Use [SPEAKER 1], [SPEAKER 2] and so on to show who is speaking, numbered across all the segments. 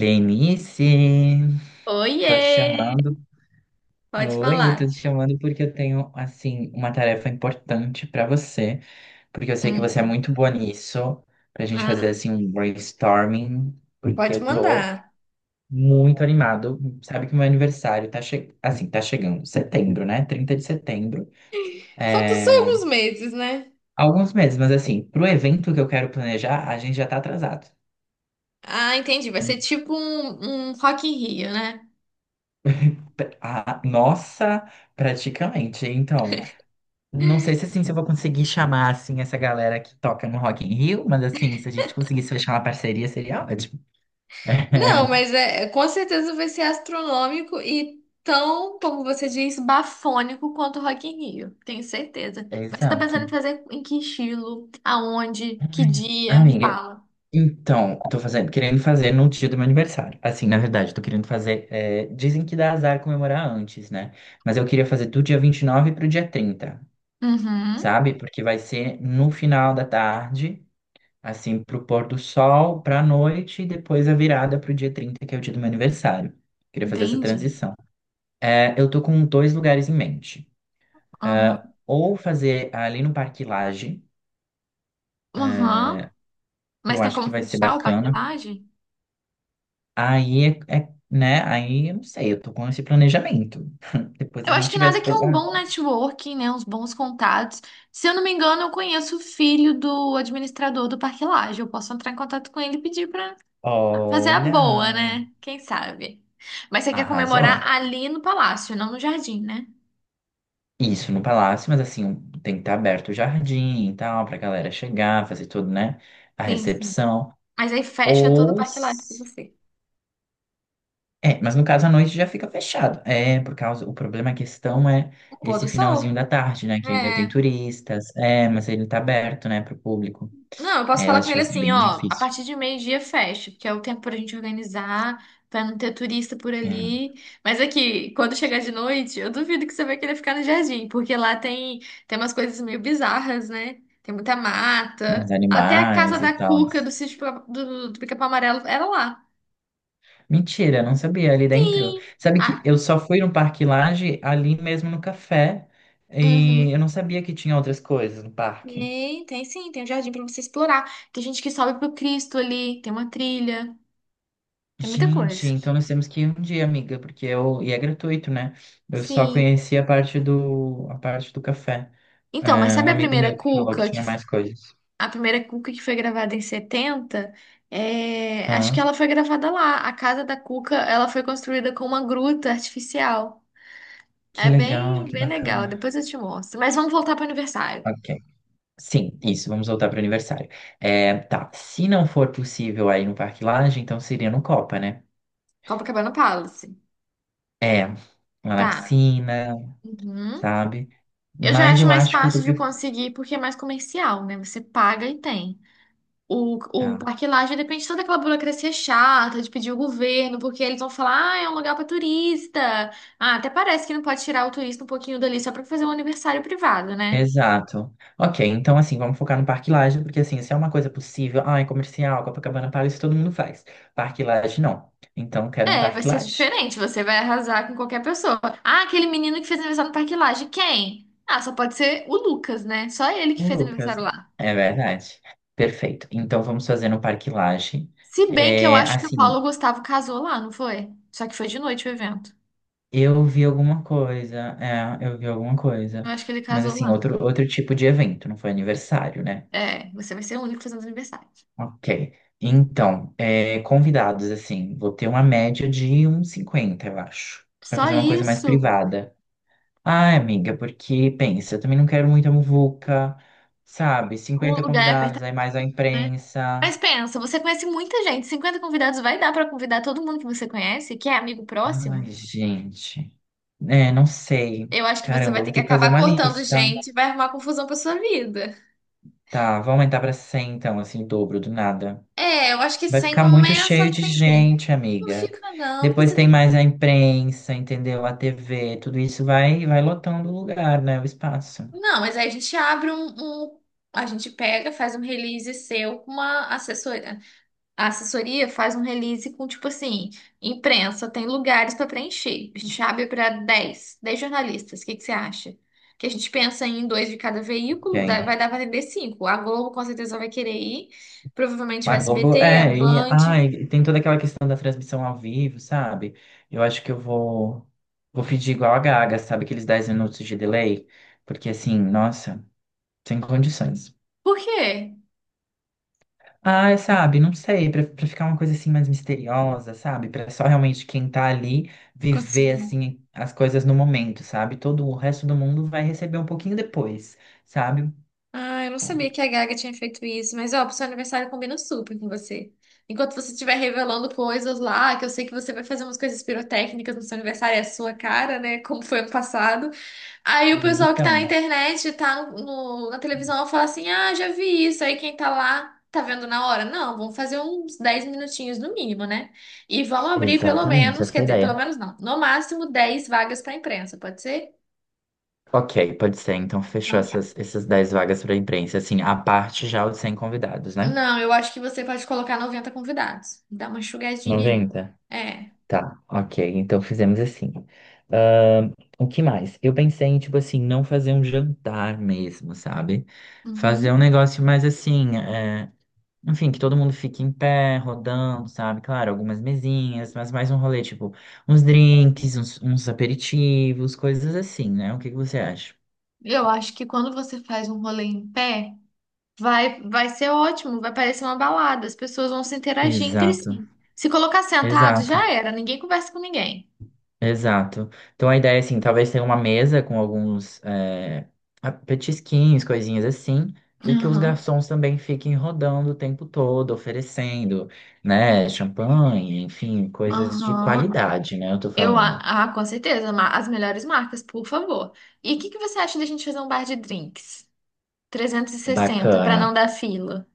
[SPEAKER 1] Lenice, tô te
[SPEAKER 2] Oiê!
[SPEAKER 1] chamando.
[SPEAKER 2] Pode
[SPEAKER 1] Oi, tô te
[SPEAKER 2] falar.
[SPEAKER 1] chamando porque eu tenho, assim, uma tarefa importante pra você, porque eu sei que você é
[SPEAKER 2] Hum.
[SPEAKER 1] muito boa nisso, pra gente fazer,
[SPEAKER 2] Ah,
[SPEAKER 1] assim, um brainstorming, porque
[SPEAKER 2] pode
[SPEAKER 1] eu tô
[SPEAKER 2] mandar.
[SPEAKER 1] muito animado. Sabe que meu aniversário tá chegando, setembro, né? 30 de setembro.
[SPEAKER 2] Faltam só
[SPEAKER 1] É...
[SPEAKER 2] alguns meses, né?
[SPEAKER 1] Alguns meses, mas assim, pro evento que eu quero planejar, a gente já tá atrasado.
[SPEAKER 2] Ah, entendi. Vai ser tipo um Rock in Rio, né?
[SPEAKER 1] A nossa, praticamente. Então. Não sei se é assim se eu vou conseguir chamar assim essa galera que toca no Rock in Rio, mas assim, se a gente conseguisse fechar uma parceria seria ótimo.
[SPEAKER 2] Não, mas é, com certeza vai ser astronômico e tão, como você diz, Bafônico quanto o Rock in Rio, tenho certeza.
[SPEAKER 1] É,
[SPEAKER 2] Mas você tá
[SPEAKER 1] exato.
[SPEAKER 2] pensando em fazer em que estilo? Aonde? Que dia? Me
[SPEAKER 1] Amiga,
[SPEAKER 2] fala.
[SPEAKER 1] então, eu tô querendo fazer no dia do meu aniversário. Assim, na verdade, eu tô querendo fazer. Dizem que dá azar comemorar antes, né? Mas eu queria fazer do dia 29 pro dia 30,
[SPEAKER 2] Uhum,
[SPEAKER 1] sabe? Porque vai ser no final da tarde, assim, pro pôr do sol, pra noite, e depois a virada pro dia 30 que é o dia do meu aniversário. Queria fazer essa
[SPEAKER 2] entendi.
[SPEAKER 1] transição. É, eu tô com dois lugares em mente.
[SPEAKER 2] Aham,
[SPEAKER 1] É, ou fazer ali no Parque Lage,
[SPEAKER 2] uhum. Mas
[SPEAKER 1] eu
[SPEAKER 2] tem
[SPEAKER 1] acho que
[SPEAKER 2] como
[SPEAKER 1] vai ser
[SPEAKER 2] fechar o Parque
[SPEAKER 1] bacana.
[SPEAKER 2] Lage?
[SPEAKER 1] Aí, é, né? Aí, eu não sei, eu tô com esse planejamento. Depois a
[SPEAKER 2] Eu acho
[SPEAKER 1] gente
[SPEAKER 2] que
[SPEAKER 1] tiver
[SPEAKER 2] nada que um
[SPEAKER 1] Ah,
[SPEAKER 2] bom networking, né? Uns bons contatos. Se eu não me engano, eu conheço o filho do administrador do Parque Lage. Eu posso entrar em contato com ele e pedir pra fazer a boa,
[SPEAKER 1] olha,
[SPEAKER 2] né? Quem sabe? Mas você quer
[SPEAKER 1] arrasou.
[SPEAKER 2] comemorar ali no palácio, não no jardim, né?
[SPEAKER 1] Isso no palácio, mas assim, tem que estar aberto o jardim e tal, pra galera chegar, fazer tudo, né? A
[SPEAKER 2] Sim, sim.
[SPEAKER 1] recepção.
[SPEAKER 2] Mas aí fecha todo o
[SPEAKER 1] Ou
[SPEAKER 2] Parque Lage pra você.
[SPEAKER 1] É, mas no caso à noite já fica fechado. É, por causa, o problema, a questão é
[SPEAKER 2] O pôr
[SPEAKER 1] esse
[SPEAKER 2] do sol.
[SPEAKER 1] finalzinho da tarde, né? Que ainda tem
[SPEAKER 2] É.
[SPEAKER 1] turistas. É, mas ele tá aberto, né, pro público.
[SPEAKER 2] Não, eu posso
[SPEAKER 1] É, eu
[SPEAKER 2] falar
[SPEAKER 1] acho
[SPEAKER 2] com
[SPEAKER 1] que
[SPEAKER 2] ele
[SPEAKER 1] vai ser
[SPEAKER 2] assim,
[SPEAKER 1] bem
[SPEAKER 2] ó, a
[SPEAKER 1] difícil.
[SPEAKER 2] partir de meio-dia fecha, porque é o tempo pra gente organizar, pra não ter turista por
[SPEAKER 1] É,
[SPEAKER 2] ali. Mas aqui, quando chegar de noite, eu duvido que você vai querer ficar no jardim, porque lá tem umas coisas meio bizarras, né? Tem muita mata.
[SPEAKER 1] os
[SPEAKER 2] Até a casa
[SPEAKER 1] animais e
[SPEAKER 2] da
[SPEAKER 1] tal.
[SPEAKER 2] Cuca do sítio do Pica-Pau Amarelo era lá.
[SPEAKER 1] Mentira, não sabia ali dentro.
[SPEAKER 2] Sim.
[SPEAKER 1] Sabe que
[SPEAKER 2] Ah,
[SPEAKER 1] eu só fui no Parque Lage ali mesmo no café. E
[SPEAKER 2] uhum.
[SPEAKER 1] eu não sabia que tinha outras coisas no parque.
[SPEAKER 2] Tem sim, tem um jardim pra você explorar. Tem gente que sobe pro Cristo ali, tem uma trilha, tem muita
[SPEAKER 1] Gente,
[SPEAKER 2] coisa.
[SPEAKER 1] então nós temos que ir um dia, amiga, porque eu, e é gratuito, né? Eu só
[SPEAKER 2] Sim.
[SPEAKER 1] conheci a parte do café.
[SPEAKER 2] Então, mas
[SPEAKER 1] É, um
[SPEAKER 2] sabe a
[SPEAKER 1] amigo
[SPEAKER 2] primeira
[SPEAKER 1] meu que falou que
[SPEAKER 2] Cuca que
[SPEAKER 1] tinha mais coisas.
[SPEAKER 2] a primeira Cuca que foi gravada em 70. É, acho que
[SPEAKER 1] Ah,
[SPEAKER 2] ela foi gravada lá. A casa da Cuca, ela foi construída com uma gruta artificial.
[SPEAKER 1] que
[SPEAKER 2] É
[SPEAKER 1] legal,
[SPEAKER 2] bem,
[SPEAKER 1] que
[SPEAKER 2] bem legal.
[SPEAKER 1] bacana.
[SPEAKER 2] Depois eu te mostro. Mas vamos voltar para o aniversário.
[SPEAKER 1] Ok. Sim, isso, vamos voltar para o aniversário. É, tá, se não for possível aí no Parque Lage, então seria no Copa, né?
[SPEAKER 2] Copacabana Palace.
[SPEAKER 1] É, lá na
[SPEAKER 2] Tá.
[SPEAKER 1] piscina,
[SPEAKER 2] Uhum.
[SPEAKER 1] sabe?
[SPEAKER 2] Eu já
[SPEAKER 1] Mas
[SPEAKER 2] acho
[SPEAKER 1] eu
[SPEAKER 2] mais
[SPEAKER 1] acho que eu tô
[SPEAKER 2] fácil de
[SPEAKER 1] preferindo.
[SPEAKER 2] conseguir porque é mais comercial, né? Você paga e tem. O, o
[SPEAKER 1] Tá,
[SPEAKER 2] Parque Lage depende de toda aquela burocracia chata de pedir o governo, porque eles vão falar, ah, é um lugar para turista. Ah, até parece que não pode tirar o turista um pouquinho dali só para fazer um aniversário privado, né?
[SPEAKER 1] exato. Ok, então assim, vamos focar no Parque Lage, porque assim, se é uma coisa possível, ah, é comercial, Copacabana Palace, todo mundo faz. Parque Lage, não. Então, quero um
[SPEAKER 2] É, vai
[SPEAKER 1] Parque
[SPEAKER 2] ser
[SPEAKER 1] Lage.
[SPEAKER 2] diferente, você vai arrasar com qualquer pessoa. Ah, aquele menino que fez aniversário no Parque Lage, quem? Ah, só pode ser o Lucas, né? Só ele que
[SPEAKER 1] O
[SPEAKER 2] fez
[SPEAKER 1] Lucas,
[SPEAKER 2] aniversário lá.
[SPEAKER 1] é verdade. Perfeito. Então vamos fazer no Parque Lage.
[SPEAKER 2] Se bem que eu
[SPEAKER 1] É,
[SPEAKER 2] acho que o
[SPEAKER 1] assim,
[SPEAKER 2] Paulo Gustavo casou lá, não foi? Só que foi de noite o evento.
[SPEAKER 1] eu vi alguma coisa, é, eu vi alguma coisa,
[SPEAKER 2] Eu acho que ele
[SPEAKER 1] mas
[SPEAKER 2] casou
[SPEAKER 1] assim,
[SPEAKER 2] lá.
[SPEAKER 1] outro tipo de evento, não foi aniversário, né?
[SPEAKER 2] É, você vai ser o único fazendo aniversário.
[SPEAKER 1] Ok. Então, é, convidados, assim, vou ter uma média de uns 50 eu acho, para
[SPEAKER 2] Só
[SPEAKER 1] fazer uma coisa mais
[SPEAKER 2] isso.
[SPEAKER 1] privada. Ai, amiga, porque pensa, eu também não quero muita muvuca, sabe?
[SPEAKER 2] O
[SPEAKER 1] 50
[SPEAKER 2] lugar é
[SPEAKER 1] convidados,
[SPEAKER 2] apertado,
[SPEAKER 1] aí mais a
[SPEAKER 2] né?
[SPEAKER 1] imprensa.
[SPEAKER 2] Mas pensa, você conhece muita gente. 50 convidados vai dar pra convidar todo mundo que você conhece, que é amigo próximo?
[SPEAKER 1] Ai, gente. É, não sei.
[SPEAKER 2] Eu acho que você
[SPEAKER 1] Caramba,
[SPEAKER 2] vai
[SPEAKER 1] vou
[SPEAKER 2] ter que
[SPEAKER 1] ter que fazer
[SPEAKER 2] acabar
[SPEAKER 1] uma
[SPEAKER 2] cortando
[SPEAKER 1] lista.
[SPEAKER 2] gente, vai arrumar confusão pra sua vida.
[SPEAKER 1] Tá, vou aumentar pra 100 então, assim, o dobro do nada.
[SPEAKER 2] É, eu acho que
[SPEAKER 1] Vai
[SPEAKER 2] sem
[SPEAKER 1] ficar muito
[SPEAKER 2] começa a
[SPEAKER 1] cheio de
[SPEAKER 2] atender.
[SPEAKER 1] gente,
[SPEAKER 2] Não
[SPEAKER 1] amiga.
[SPEAKER 2] fica não, porque
[SPEAKER 1] Depois
[SPEAKER 2] você
[SPEAKER 1] tem
[SPEAKER 2] tem.
[SPEAKER 1] mais a imprensa, entendeu? A TV, tudo isso vai lotando o lugar, né? O espaço.
[SPEAKER 2] Não, mas aí a gente abre. Um- A gente pega, faz um release seu com uma assessoria. A assessoria faz um release com, tipo assim, imprensa, tem lugares para preencher. A gente abre para dez jornalistas. O que que você acha? Que a gente pensa em dois de cada veículo,
[SPEAKER 1] Quem?
[SPEAKER 2] vai dar para atender cinco. A Globo com certeza vai querer ir. Provavelmente o
[SPEAKER 1] A Globo,
[SPEAKER 2] SBT, a
[SPEAKER 1] é, e
[SPEAKER 2] Band.
[SPEAKER 1] ai, tem toda aquela questão da transmissão ao vivo, sabe? Eu acho que eu vou pedir igual a Gaga, sabe? Aqueles 10 minutos de delay, porque assim, nossa, sem condições.
[SPEAKER 2] Por quê?
[SPEAKER 1] Ah, sabe, não sei, pra ficar uma coisa assim mais misteriosa, sabe? Pra só realmente quem tá ali viver
[SPEAKER 2] Conseguiu.
[SPEAKER 1] assim as coisas no momento, sabe? Todo o resto do mundo vai receber um pouquinho depois, sabe?
[SPEAKER 2] Ah, eu não sabia que a Gaga tinha feito isso, mas ó, pro seu aniversário combina super com você. Enquanto você estiver revelando coisas lá, que eu sei que você vai fazer umas coisas pirotécnicas no seu aniversário, é a sua cara, né? Como foi ano passado. Aí o pessoal que tá na
[SPEAKER 1] Então,
[SPEAKER 2] internet, tá na televisão, fala assim: ah, já vi isso. Aí quem tá lá tá vendo na hora. Não, vamos fazer uns 10 minutinhos no mínimo, né? E vamos abrir pelo
[SPEAKER 1] exatamente,
[SPEAKER 2] menos,
[SPEAKER 1] essa
[SPEAKER 2] quer
[SPEAKER 1] é a
[SPEAKER 2] dizer,
[SPEAKER 1] ideia.
[SPEAKER 2] pelo menos não, no máximo 10 vagas pra imprensa, pode ser?
[SPEAKER 1] Ok, pode ser. Então, fechou
[SPEAKER 2] Não, tá.
[SPEAKER 1] essas 10 vagas para imprensa. Assim, a parte já os 100 convidados, né?
[SPEAKER 2] Não, eu acho que você pode colocar 90 convidados. Dá uma enxugadinha aí.
[SPEAKER 1] 90.
[SPEAKER 2] É.
[SPEAKER 1] Tá, ok. Então fizemos assim. Ahn, o que mais? Eu pensei em, tipo assim, não fazer um jantar mesmo, sabe? Fazer um
[SPEAKER 2] Uhum.
[SPEAKER 1] negócio mais assim, é, enfim, que todo mundo fique em pé, rodando, sabe? Claro, algumas mesinhas, mas mais um rolê, tipo, uns drinks, uns aperitivos, coisas assim, né? O que que você acha?
[SPEAKER 2] Eu acho que quando você faz um rolê em pé. Vai ser ótimo, vai parecer uma balada, as pessoas vão se interagir entre
[SPEAKER 1] Exato,
[SPEAKER 2] si. Se colocar sentado,
[SPEAKER 1] exato.
[SPEAKER 2] já era, ninguém conversa com ninguém.
[SPEAKER 1] Exato. Então a ideia é assim, talvez tenha uma mesa com alguns é, petisquinhos, coisinhas assim, e que os
[SPEAKER 2] Aham,
[SPEAKER 1] garçons também fiquem rodando o tempo todo, oferecendo, né, champanhe, enfim, coisas de
[SPEAKER 2] aham.
[SPEAKER 1] qualidade, né, eu tô
[SPEAKER 2] Eu,
[SPEAKER 1] falando.
[SPEAKER 2] a, ah, com certeza, as melhores marcas, por favor. E o que que você acha da gente fazer um bar de drinks? 360 para não
[SPEAKER 1] Bacana.
[SPEAKER 2] dar fila.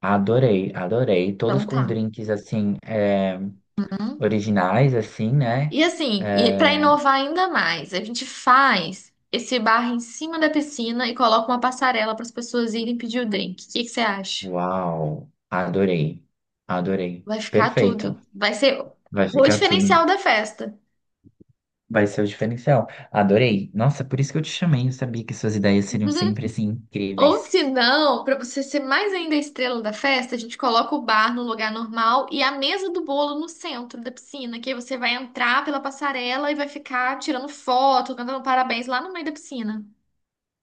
[SPEAKER 1] Adorei, adorei. Todos
[SPEAKER 2] Então
[SPEAKER 1] com
[SPEAKER 2] tá.
[SPEAKER 1] drinks assim, é,
[SPEAKER 2] Uhum.
[SPEAKER 1] originais, assim, né?
[SPEAKER 2] E assim, e para
[SPEAKER 1] É,
[SPEAKER 2] inovar ainda mais, a gente faz esse bar em cima da piscina e coloca uma passarela para as pessoas irem pedir o drink. O que que você acha?
[SPEAKER 1] uau, adorei, adorei.
[SPEAKER 2] Vai ficar
[SPEAKER 1] Perfeito.
[SPEAKER 2] tudo. Vai ser
[SPEAKER 1] Vai
[SPEAKER 2] o
[SPEAKER 1] ficar tudo.
[SPEAKER 2] diferencial da festa.
[SPEAKER 1] Vai ser o diferencial. Adorei. Nossa, por isso que eu te chamei. Eu sabia que suas ideias seriam sempre assim
[SPEAKER 2] Ou
[SPEAKER 1] incríveis.
[SPEAKER 2] se não, para você ser mais ainda a estrela da festa, a gente coloca o bar no lugar normal e a mesa do bolo no centro da piscina, que aí você vai entrar pela passarela e vai ficar tirando foto, cantando parabéns lá no meio da piscina.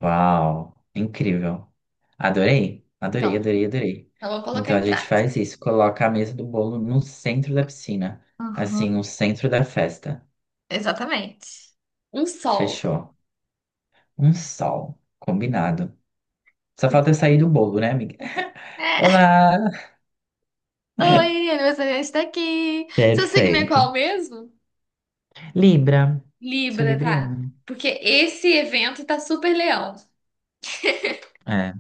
[SPEAKER 1] Uau, incrível. Adorei, adorei,
[SPEAKER 2] Então,
[SPEAKER 1] adorei, adorei.
[SPEAKER 2] eu vou colocar
[SPEAKER 1] Então
[SPEAKER 2] em
[SPEAKER 1] a gente
[SPEAKER 2] trás.
[SPEAKER 1] faz isso, coloca a mesa do bolo no centro da piscina, assim,
[SPEAKER 2] Aham.
[SPEAKER 1] no centro da festa.
[SPEAKER 2] Exatamente. Um sol.
[SPEAKER 1] Fechou. Um sol, combinado. Só falta eu sair do bolo, né, amiga?
[SPEAKER 2] É.
[SPEAKER 1] Olá!
[SPEAKER 2] Oi, aniversariante está aqui. Seu signo é
[SPEAKER 1] Perfeito.
[SPEAKER 2] qual mesmo?
[SPEAKER 1] Libra. Sou
[SPEAKER 2] Libra, tá?
[SPEAKER 1] libriana. Né?
[SPEAKER 2] Porque esse evento tá super leão.
[SPEAKER 1] É,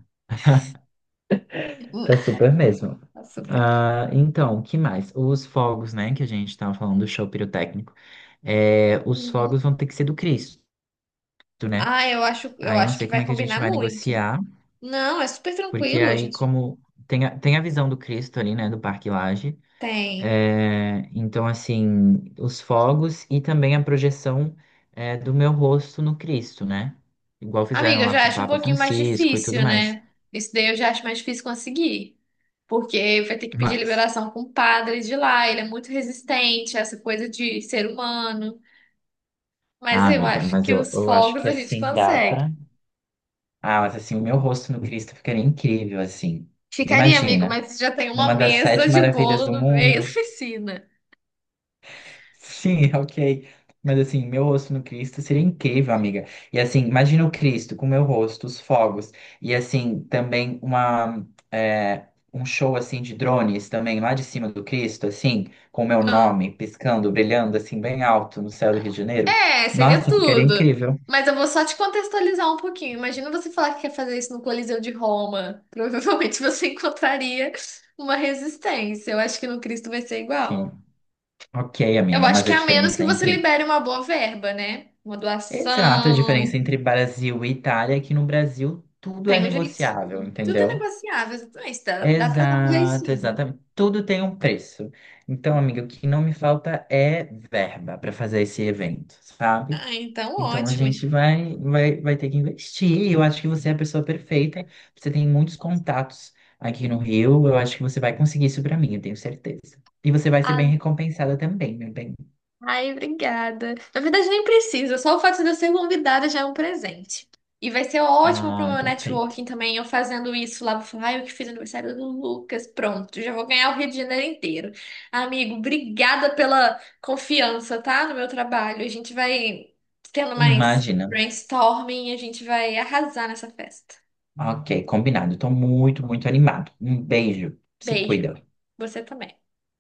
[SPEAKER 1] tá super mesmo.
[SPEAKER 2] Tá super.
[SPEAKER 1] Ah, então, o que mais? Os fogos, né, que a gente estava falando do show pirotécnico. É, os fogos
[SPEAKER 2] Uhum.
[SPEAKER 1] vão ter que ser do Cristo, né?
[SPEAKER 2] Ah, eu acho, eu
[SPEAKER 1] Aí não
[SPEAKER 2] acho
[SPEAKER 1] sei
[SPEAKER 2] que
[SPEAKER 1] como
[SPEAKER 2] vai
[SPEAKER 1] é que a gente
[SPEAKER 2] combinar
[SPEAKER 1] vai
[SPEAKER 2] muito.
[SPEAKER 1] negociar,
[SPEAKER 2] Não, é super
[SPEAKER 1] porque
[SPEAKER 2] tranquilo,
[SPEAKER 1] aí
[SPEAKER 2] gente.
[SPEAKER 1] como tem a visão do Cristo ali, né, do Parque Lage.
[SPEAKER 2] Tem.
[SPEAKER 1] É, então, assim, os fogos e também a projeção é, do meu rosto no Cristo, né? Igual fizeram
[SPEAKER 2] Amiga, eu
[SPEAKER 1] lá
[SPEAKER 2] já
[SPEAKER 1] com o
[SPEAKER 2] acho um
[SPEAKER 1] Papa
[SPEAKER 2] pouquinho mais
[SPEAKER 1] Francisco e tudo
[SPEAKER 2] difícil,
[SPEAKER 1] mais.
[SPEAKER 2] né? Isso daí eu já acho mais difícil conseguir. Porque vai ter que pedir
[SPEAKER 1] Mas,
[SPEAKER 2] liberação com o padre de lá. Ele é muito resistente a essa coisa de ser humano. Mas
[SPEAKER 1] ah,
[SPEAKER 2] eu
[SPEAKER 1] amiga,
[SPEAKER 2] acho
[SPEAKER 1] mas
[SPEAKER 2] que
[SPEAKER 1] eu,
[SPEAKER 2] os
[SPEAKER 1] eu acho
[SPEAKER 2] fogos
[SPEAKER 1] que
[SPEAKER 2] a gente
[SPEAKER 1] assim dá
[SPEAKER 2] consegue.
[SPEAKER 1] pra. Ah, mas assim, o meu rosto no Cristo ficaria incrível, assim.
[SPEAKER 2] Ficaria, amigo,
[SPEAKER 1] Imagina,
[SPEAKER 2] mas já tem
[SPEAKER 1] numa
[SPEAKER 2] uma
[SPEAKER 1] das
[SPEAKER 2] mesa
[SPEAKER 1] sete
[SPEAKER 2] de
[SPEAKER 1] maravilhas
[SPEAKER 2] bolo
[SPEAKER 1] do
[SPEAKER 2] no meio da
[SPEAKER 1] mundo.
[SPEAKER 2] piscina.
[SPEAKER 1] Sim, ok. Mas assim, meu rosto no Cristo seria incrível, amiga. E assim, imagina o Cristo com meu rosto, os fogos. E assim, também é, um show assim de drones também lá de cima do Cristo, assim, com o meu
[SPEAKER 2] Ah.
[SPEAKER 1] nome piscando, brilhando assim bem alto no céu do Rio de Janeiro.
[SPEAKER 2] É, seria
[SPEAKER 1] Nossa, ficaria
[SPEAKER 2] tudo.
[SPEAKER 1] incrível.
[SPEAKER 2] Mas eu vou só te contextualizar um pouquinho. Imagina você falar que quer fazer isso no Coliseu de Roma. Provavelmente você encontraria uma resistência. Eu acho que no Cristo vai ser
[SPEAKER 1] Sim.
[SPEAKER 2] igual.
[SPEAKER 1] Ok,
[SPEAKER 2] Eu
[SPEAKER 1] amiga,
[SPEAKER 2] acho
[SPEAKER 1] mas
[SPEAKER 2] que
[SPEAKER 1] a
[SPEAKER 2] a menos que
[SPEAKER 1] diferença é
[SPEAKER 2] você
[SPEAKER 1] entre
[SPEAKER 2] libere uma boa verba, né? Uma
[SPEAKER 1] exato, a
[SPEAKER 2] doação.
[SPEAKER 1] diferença entre Brasil e Itália é que no Brasil tudo é
[SPEAKER 2] Tem um
[SPEAKER 1] negociável,
[SPEAKER 2] jeitinho. Tudo é
[SPEAKER 1] entendeu?
[SPEAKER 2] negociável, exatamente. Dá pra dar um
[SPEAKER 1] Exato,
[SPEAKER 2] jeitinho.
[SPEAKER 1] exatamente. Tudo tem um preço. Então, amiga, o que não me falta é verba para fazer esse evento, sabe?
[SPEAKER 2] Ah, então
[SPEAKER 1] Então a
[SPEAKER 2] ótimo.
[SPEAKER 1] gente vai ter que investir. Eu acho que você é a pessoa perfeita. Você tem muitos contatos aqui no Rio. Eu acho que você vai conseguir isso para mim, eu tenho certeza. E você vai ser bem recompensada também, meu bem.
[SPEAKER 2] Ai, obrigada. Na verdade, nem precisa, só o fato de eu ser convidada já é um presente. E vai ser ótimo pro
[SPEAKER 1] Ah,
[SPEAKER 2] meu
[SPEAKER 1] perfeito.
[SPEAKER 2] networking também, eu fazendo isso lá. Vou falar, ai, eu que fiz aniversário do Lucas. Pronto, já vou ganhar o Rio de Janeiro inteiro. Amigo, obrigada pela confiança, tá? No meu trabalho. A gente vai tendo mais
[SPEAKER 1] Imagina.
[SPEAKER 2] brainstorming, a gente vai arrasar nessa festa.
[SPEAKER 1] Ok, combinado. Estou muito, muito animado. Um beijo. Se
[SPEAKER 2] Beijo.
[SPEAKER 1] cuida.
[SPEAKER 2] Você também.